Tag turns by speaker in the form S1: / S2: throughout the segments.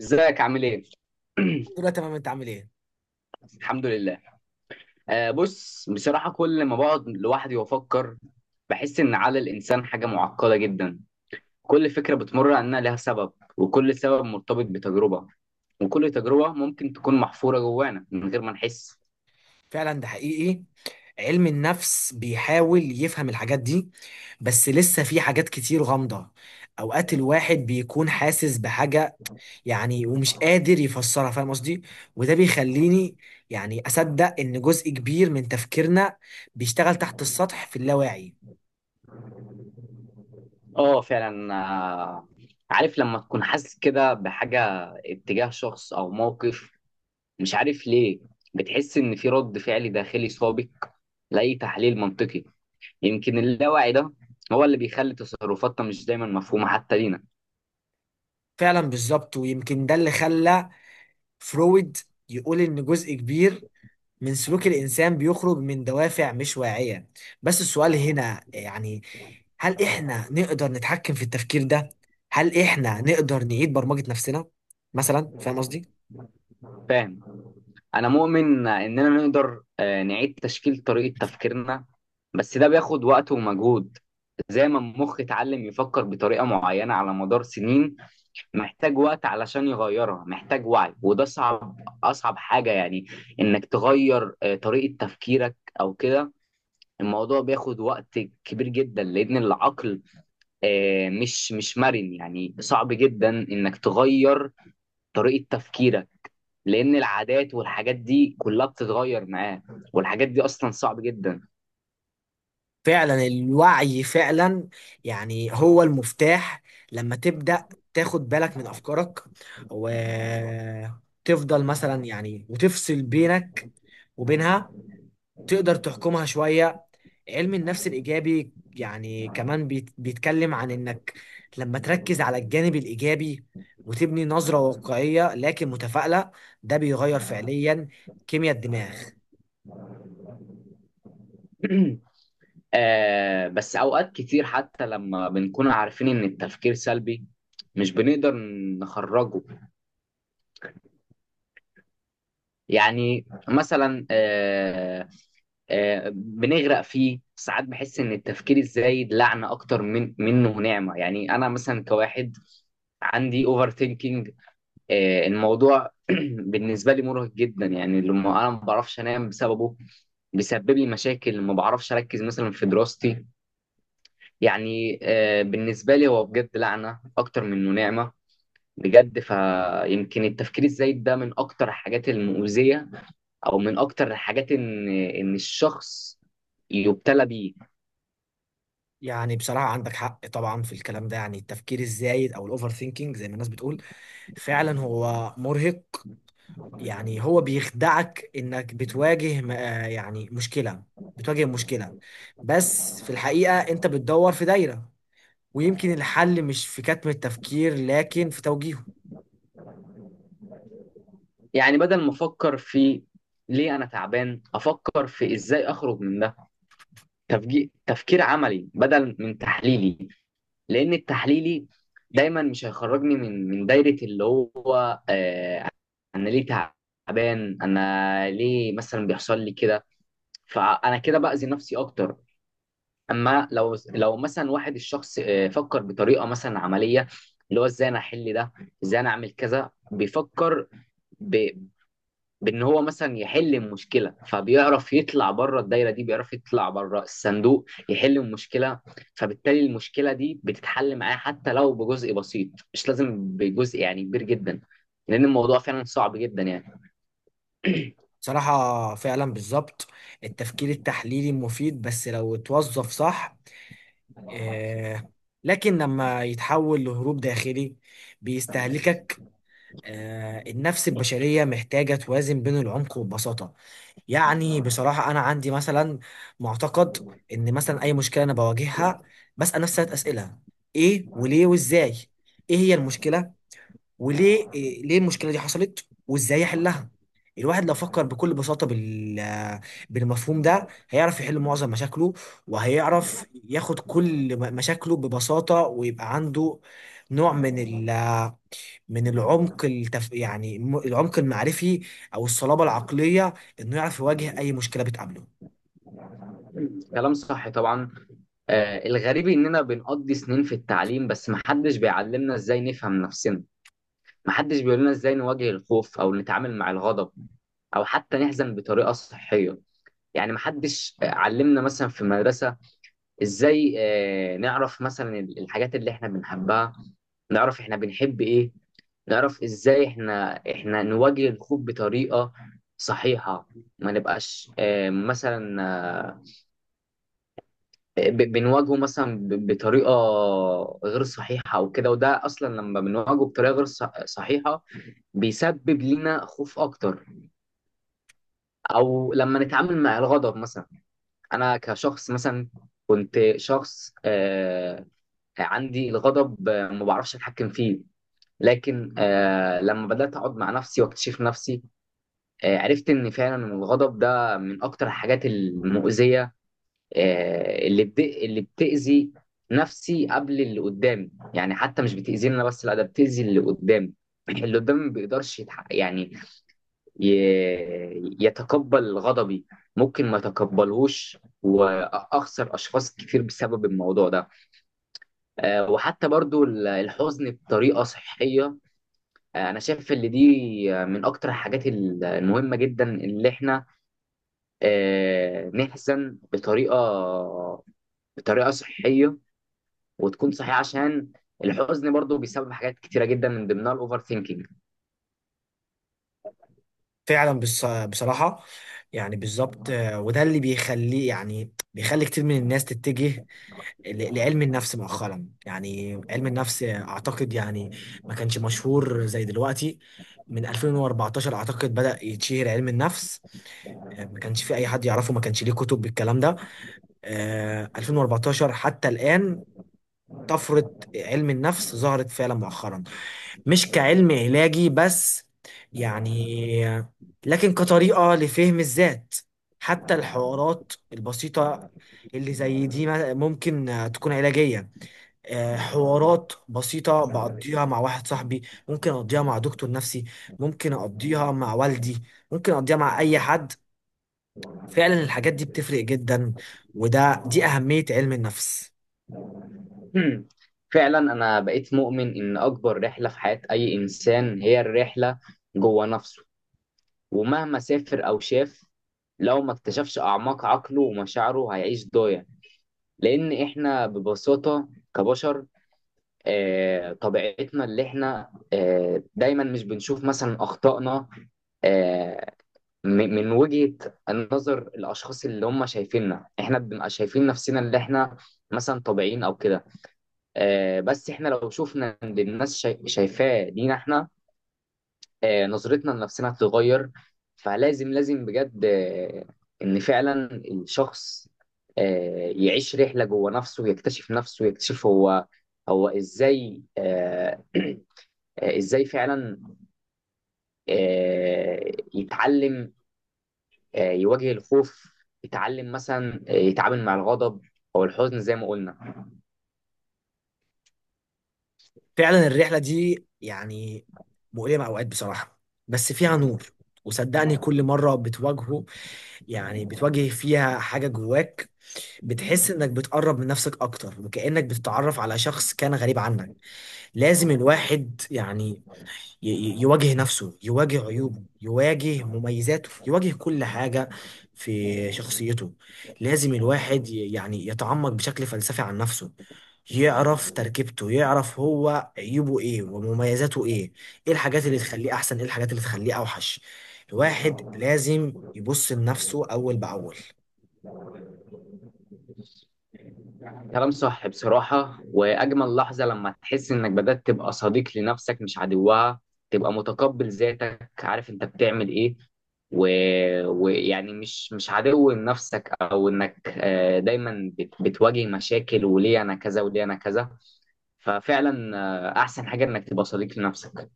S1: ازيك عامل ايه؟
S2: كله تمام، انت عامل ايه؟
S1: الحمد لله. بص، بصراحة كل ما بقعد لوحدي وافكر بحس ان عقل الانسان حاجة معقدة جدا. كل فكرة بتمر عنها لها سبب، وكل سبب مرتبط بتجربة، وكل تجربة ممكن تكون محفورة جوانا من غير ما نحس.
S2: فعلا ده حقيقي. علم النفس بيحاول يفهم الحاجات دي، بس لسه في حاجات كتير غامضة. اوقات الواحد بيكون حاسس بحاجة يعني، ومش قادر يفسرها، فاهم قصدي؟ وده بيخليني يعني اصدق ان جزء كبير من تفكيرنا بيشتغل تحت السطح في اللاواعي.
S1: اه، فعلا. عارف لما تكون حاسس كده بحاجة اتجاه شخص او موقف، مش عارف ليه، بتحس ان في رد فعل داخلي سابق لأي تحليل منطقي. يمكن اللاوعي ده هو اللي بيخلي تصرفاتنا مش دايما مفهومة حتى لينا.
S2: فعلا بالظبط، ويمكن ده اللي خلى فرويد يقول ان جزء كبير من سلوك الإنسان بيخرج من دوافع مش واعية. بس السؤال هنا يعني، هل إحنا نقدر نتحكم في التفكير ده؟ هل إحنا نقدر نعيد برمجة نفسنا مثلا؟ فاهم قصدي؟
S1: فاهم. أنا مؤمن إننا نقدر نعيد تشكيل طريقة تفكيرنا. بس ده بياخد وقت ومجهود. زي ما المخ اتعلم يفكر بطريقة معينة على مدار سنين، محتاج وقت علشان يغيرها، محتاج وعي، وده صعب. أصعب حاجة يعني إنك تغير طريقة تفكيرك أو كده. الموضوع بياخد وقت كبير جدا، لأن العقل مش مرن، يعني صعب جدا انك تغير طريقة تفكيرك. لان العادات والحاجات دي كلها بتتغير معاه، والحاجات دي اصلا صعب جدا.
S2: فعلا الوعي فعلا يعني هو المفتاح. لما تبدأ تاخد بالك من أفكارك، وتفضل مثلا يعني وتفصل بينك وبينها، تقدر تحكمها شوية. علم النفس الإيجابي يعني كمان بيتكلم عن إنك لما تركز على الجانب الإيجابي، وتبني نظرة واقعية لكن متفائلة، ده بيغير فعليا كيمياء الدماغ.
S1: بس اوقات كتير حتى لما بنكون عارفين ان التفكير سلبي، مش بنقدر نخرجه. يعني مثلا بنغرق فيه ساعات، بحس ان التفكير الزايد لعنة اكتر من منه نعمة، يعني انا مثلا كواحد عندي اوفر ثينكينج. الموضوع بالنسبة لي مرهق جدا، يعني لما أنا ما بعرفش أنام بسببه. بيسبب لي مشاكل، ما بعرفش أركز مثلا في دراستي. يعني بالنسبة لي هو بجد لعنة أكتر منه نعمة. بجد، فيمكن التفكير الزايد ده من أكتر الحاجات المؤذية، أو من أكتر الحاجات إن الشخص يبتلى بيه.
S2: يعني بصراحة عندك حق طبعا في الكلام ده. يعني التفكير الزايد أو الأوفر ثينكينج زي ما الناس بتقول فعلا هو مرهق. يعني هو بيخدعك إنك بتواجه مشكلة بتواجه مشكلة، بس في الحقيقة أنت بتدور في دايرة. ويمكن الحل مش في كتم التفكير لكن في توجيهه.
S1: يعني بدل ما أفكر في ليه أنا تعبان، أفكر في إزاي أخرج من ده. تفكير عملي بدل من تحليلي. لان التحليلي دايما مش هيخرجني من دايره، اللي هو انا ليه تعبان، انا ليه مثلا بيحصل لي كده. فانا كده باذي نفسي اكتر. اما لو مثلا واحد الشخص فكر بطريقه مثلا عمليه، اللي هو ازاي انا احل ده، ازاي انا اعمل كذا، بيفكر ب... بان هو مثلا يحل المشكله، فبيعرف يطلع بره الدايره دي، بيعرف يطلع بره الصندوق، يحل المشكله. فبالتالي المشكله دي بتتحل معاه حتى لو بجزء بسيط، مش لازم بجزء يعني كبير جدا، لان الموضوع فعلا صعب جدا يعني.
S2: صراحة فعلا بالظبط، التفكير التحليلي مفيد بس لو اتوظف صح. آه، لكن لما يتحول لهروب داخلي بيستهلكك. آه، النفس البشرية محتاجة توازن بين العمق والبساطة. يعني بصراحة أنا عندي مثلا معتقد إن مثلا أي مشكلة أنا بواجهها، بسأل نفسي ثلاث أسئلة: إيه وليه وإزاي. إيه هي المشكلة، وليه ليه المشكله دي حصلت، وازاي يحلها. الواحد لو فكر بكل بساطه بال، بالمفهوم ده هيعرف يحل معظم مشاكله، وهيعرف ياخد كل مشاكله ببساطه، ويبقى عنده نوع من ال، من العمق العمق المعرفي او الصلابه العقليه، انه يعرف يواجه اي مشكله بتقابله.
S1: كلام صح طبعا. الغريب اننا بنقضي سنين في التعليم، بس محدش بيعلمنا ازاي نفهم نفسنا. محدش بيقول لنا ازاي نواجه الخوف او نتعامل مع الغضب، او حتى نحزن بطريقه صحيه. يعني محدش علمنا مثلا في المدرسه ازاي نعرف مثلا الحاجات اللي احنا بنحبها، نعرف احنا بنحب ايه، نعرف ازاي احنا نواجه الخوف بطريقة صحيحة. ما نبقاش مثلا آه، بنواجهه مثلا بطريقة غير صحيحة او كده، وده اصلا لما بنواجهه بطريقة غير صحيحة بيسبب لنا خوف اكتر. او لما نتعامل مع الغضب مثلا، انا كشخص مثلا كنت شخص عندي الغضب ما بعرفش اتحكم فيه. لكن لما بدات اقعد مع نفسي واكتشف نفسي، عرفت ان فعلا الغضب ده من اكتر الحاجات المؤذيه، اللي اللي بتاذي نفسي قبل اللي قدامي. يعني حتى مش بتاذيني انا بس، لا ده بتاذي اللي قدامي. اللي قدامي ما بيقدرش يعني ي... يتقبل غضبي. ممكن ما يتقبلهوش واخسر اشخاص كتير بسبب الموضوع ده. وحتى برضو الحزن بطريقة صحية، أنا شايف إن دي من أكتر الحاجات المهمة جدا اللي إحنا نحزن بطريقة صحية، وتكون صحية عشان الحزن برضو بيسبب حاجات كتيرة جدا، من ضمنها الأوفر ثينكينج.
S2: فعلا بصراحه، يعني بالظبط. آه، وده اللي بيخليه يعني بيخلي كتير من الناس تتجه لعلم النفس مؤخرا. يعني علم النفس اعتقد يعني ما كانش مشهور زي دلوقتي. من 2014 اعتقد بدأ يتشهر علم النفس. آه، ما كانش في اي حد يعرفه، ما كانش ليه كتب بالكلام ده. آه، 2014 حتى الآن طفرة علم النفس ظهرت فعلا مؤخرا، مش كعلم علاجي بس يعني، لكن كطريقة لفهم الذات. حتى الحوارات البسيطة اللي زي دي ممكن تكون علاجية. آه، حوارات بسيطة بقضيها مع واحد صاحبي، ممكن أقضيها مع دكتور نفسي، ممكن أقضيها مع والدي، ممكن أقضيها مع أي حد. فعلا الحاجات دي بتفرق جدا، وده دي أهمية علم النفس.
S1: فعلا، أنا بقيت مؤمن إن أكبر رحلة في حياة أي إنسان هي الرحلة جوه نفسه. ومهما سافر أو شاف، لو ما اكتشفش أعماق عقله ومشاعره هيعيش ضايع. لان احنا ببساطه كبشر طبيعتنا اللي احنا دايما مش بنشوف مثلا اخطائنا. آه، م- من وجهه نظر الاشخاص اللي هم شايفيننا، احنا بنبقى شايفين نفسنا اللي احنا مثلا طبيعيين او كده. بس احنا لو شفنا ان الناس شايفاه دينا احنا، نظرتنا لنفسنا هتتغير. فلازم لازم بجد ان فعلا الشخص يعيش رحله جوه نفسه، يكتشف نفسه، يكتشف هو ازاي. ازاي فعلا يتعلم يواجه الخوف، يتعلم مثلا يتعامل مع الغضب او الحزن زي ما قلنا.
S2: فعلا الرحلة دي يعني مؤلمة أوقات بصراحة، بس فيها نور. وصدقني كل مرة بتواجهه، يعني بتواجه فيها حاجة جواك، بتحس إنك بتقرب من نفسك أكتر، وكأنك بتتعرف على شخص كان غريب عنك. لازم الواحد يعني يواجه نفسه، يواجه عيوبه، يواجه مميزاته، يواجه كل حاجة في شخصيته. لازم الواحد يعني يتعمق بشكل فلسفي عن نفسه، يعرف تركيبته، يعرف هو عيوبه ايه ومميزاته ايه، ايه الحاجات اللي تخليه احسن ايه الحاجات اللي تخليه اوحش. الواحد لازم يبص لنفسه اول باول.
S1: كلام صح بصراحة، وأجمل لحظة لما تحس إنك بدأت تبقى صديق لنفسك مش عدوها. تبقى متقبل ذاتك، عارف أنت بتعمل إيه و... ويعني مش عدو لنفسك، أو إنك دايما بتواجه مشاكل، وليه أنا كذا وليه أنا كذا. ففعلا، أحسن حاجة إنك تبقى صديق لنفسك.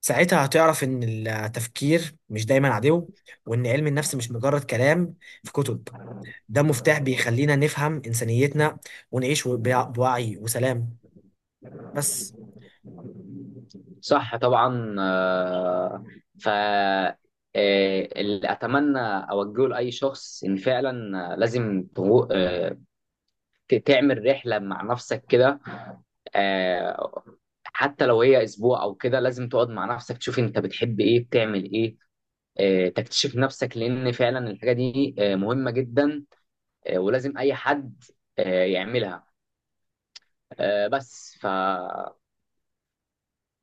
S2: ساعتها هتعرف ان التفكير مش دايما عدو، وان علم النفس مش مجرد كلام في كتب، ده مفتاح بيخلينا نفهم إنسانيتنا ونعيش بوعي وسلام. بس
S1: صح طبعا، ف اللي أتمنى أوجهه لأي شخص إن فعلا لازم تعمل رحلة مع نفسك كده. آه، حتى لو هي اسبوع او كده، لازم تقعد مع نفسك تشوف انت بتحب ايه بتعمل ايه. تكتشف نفسك، لان فعلا الحاجة دي مهمة جدا. ولازم اي حد يعملها. بس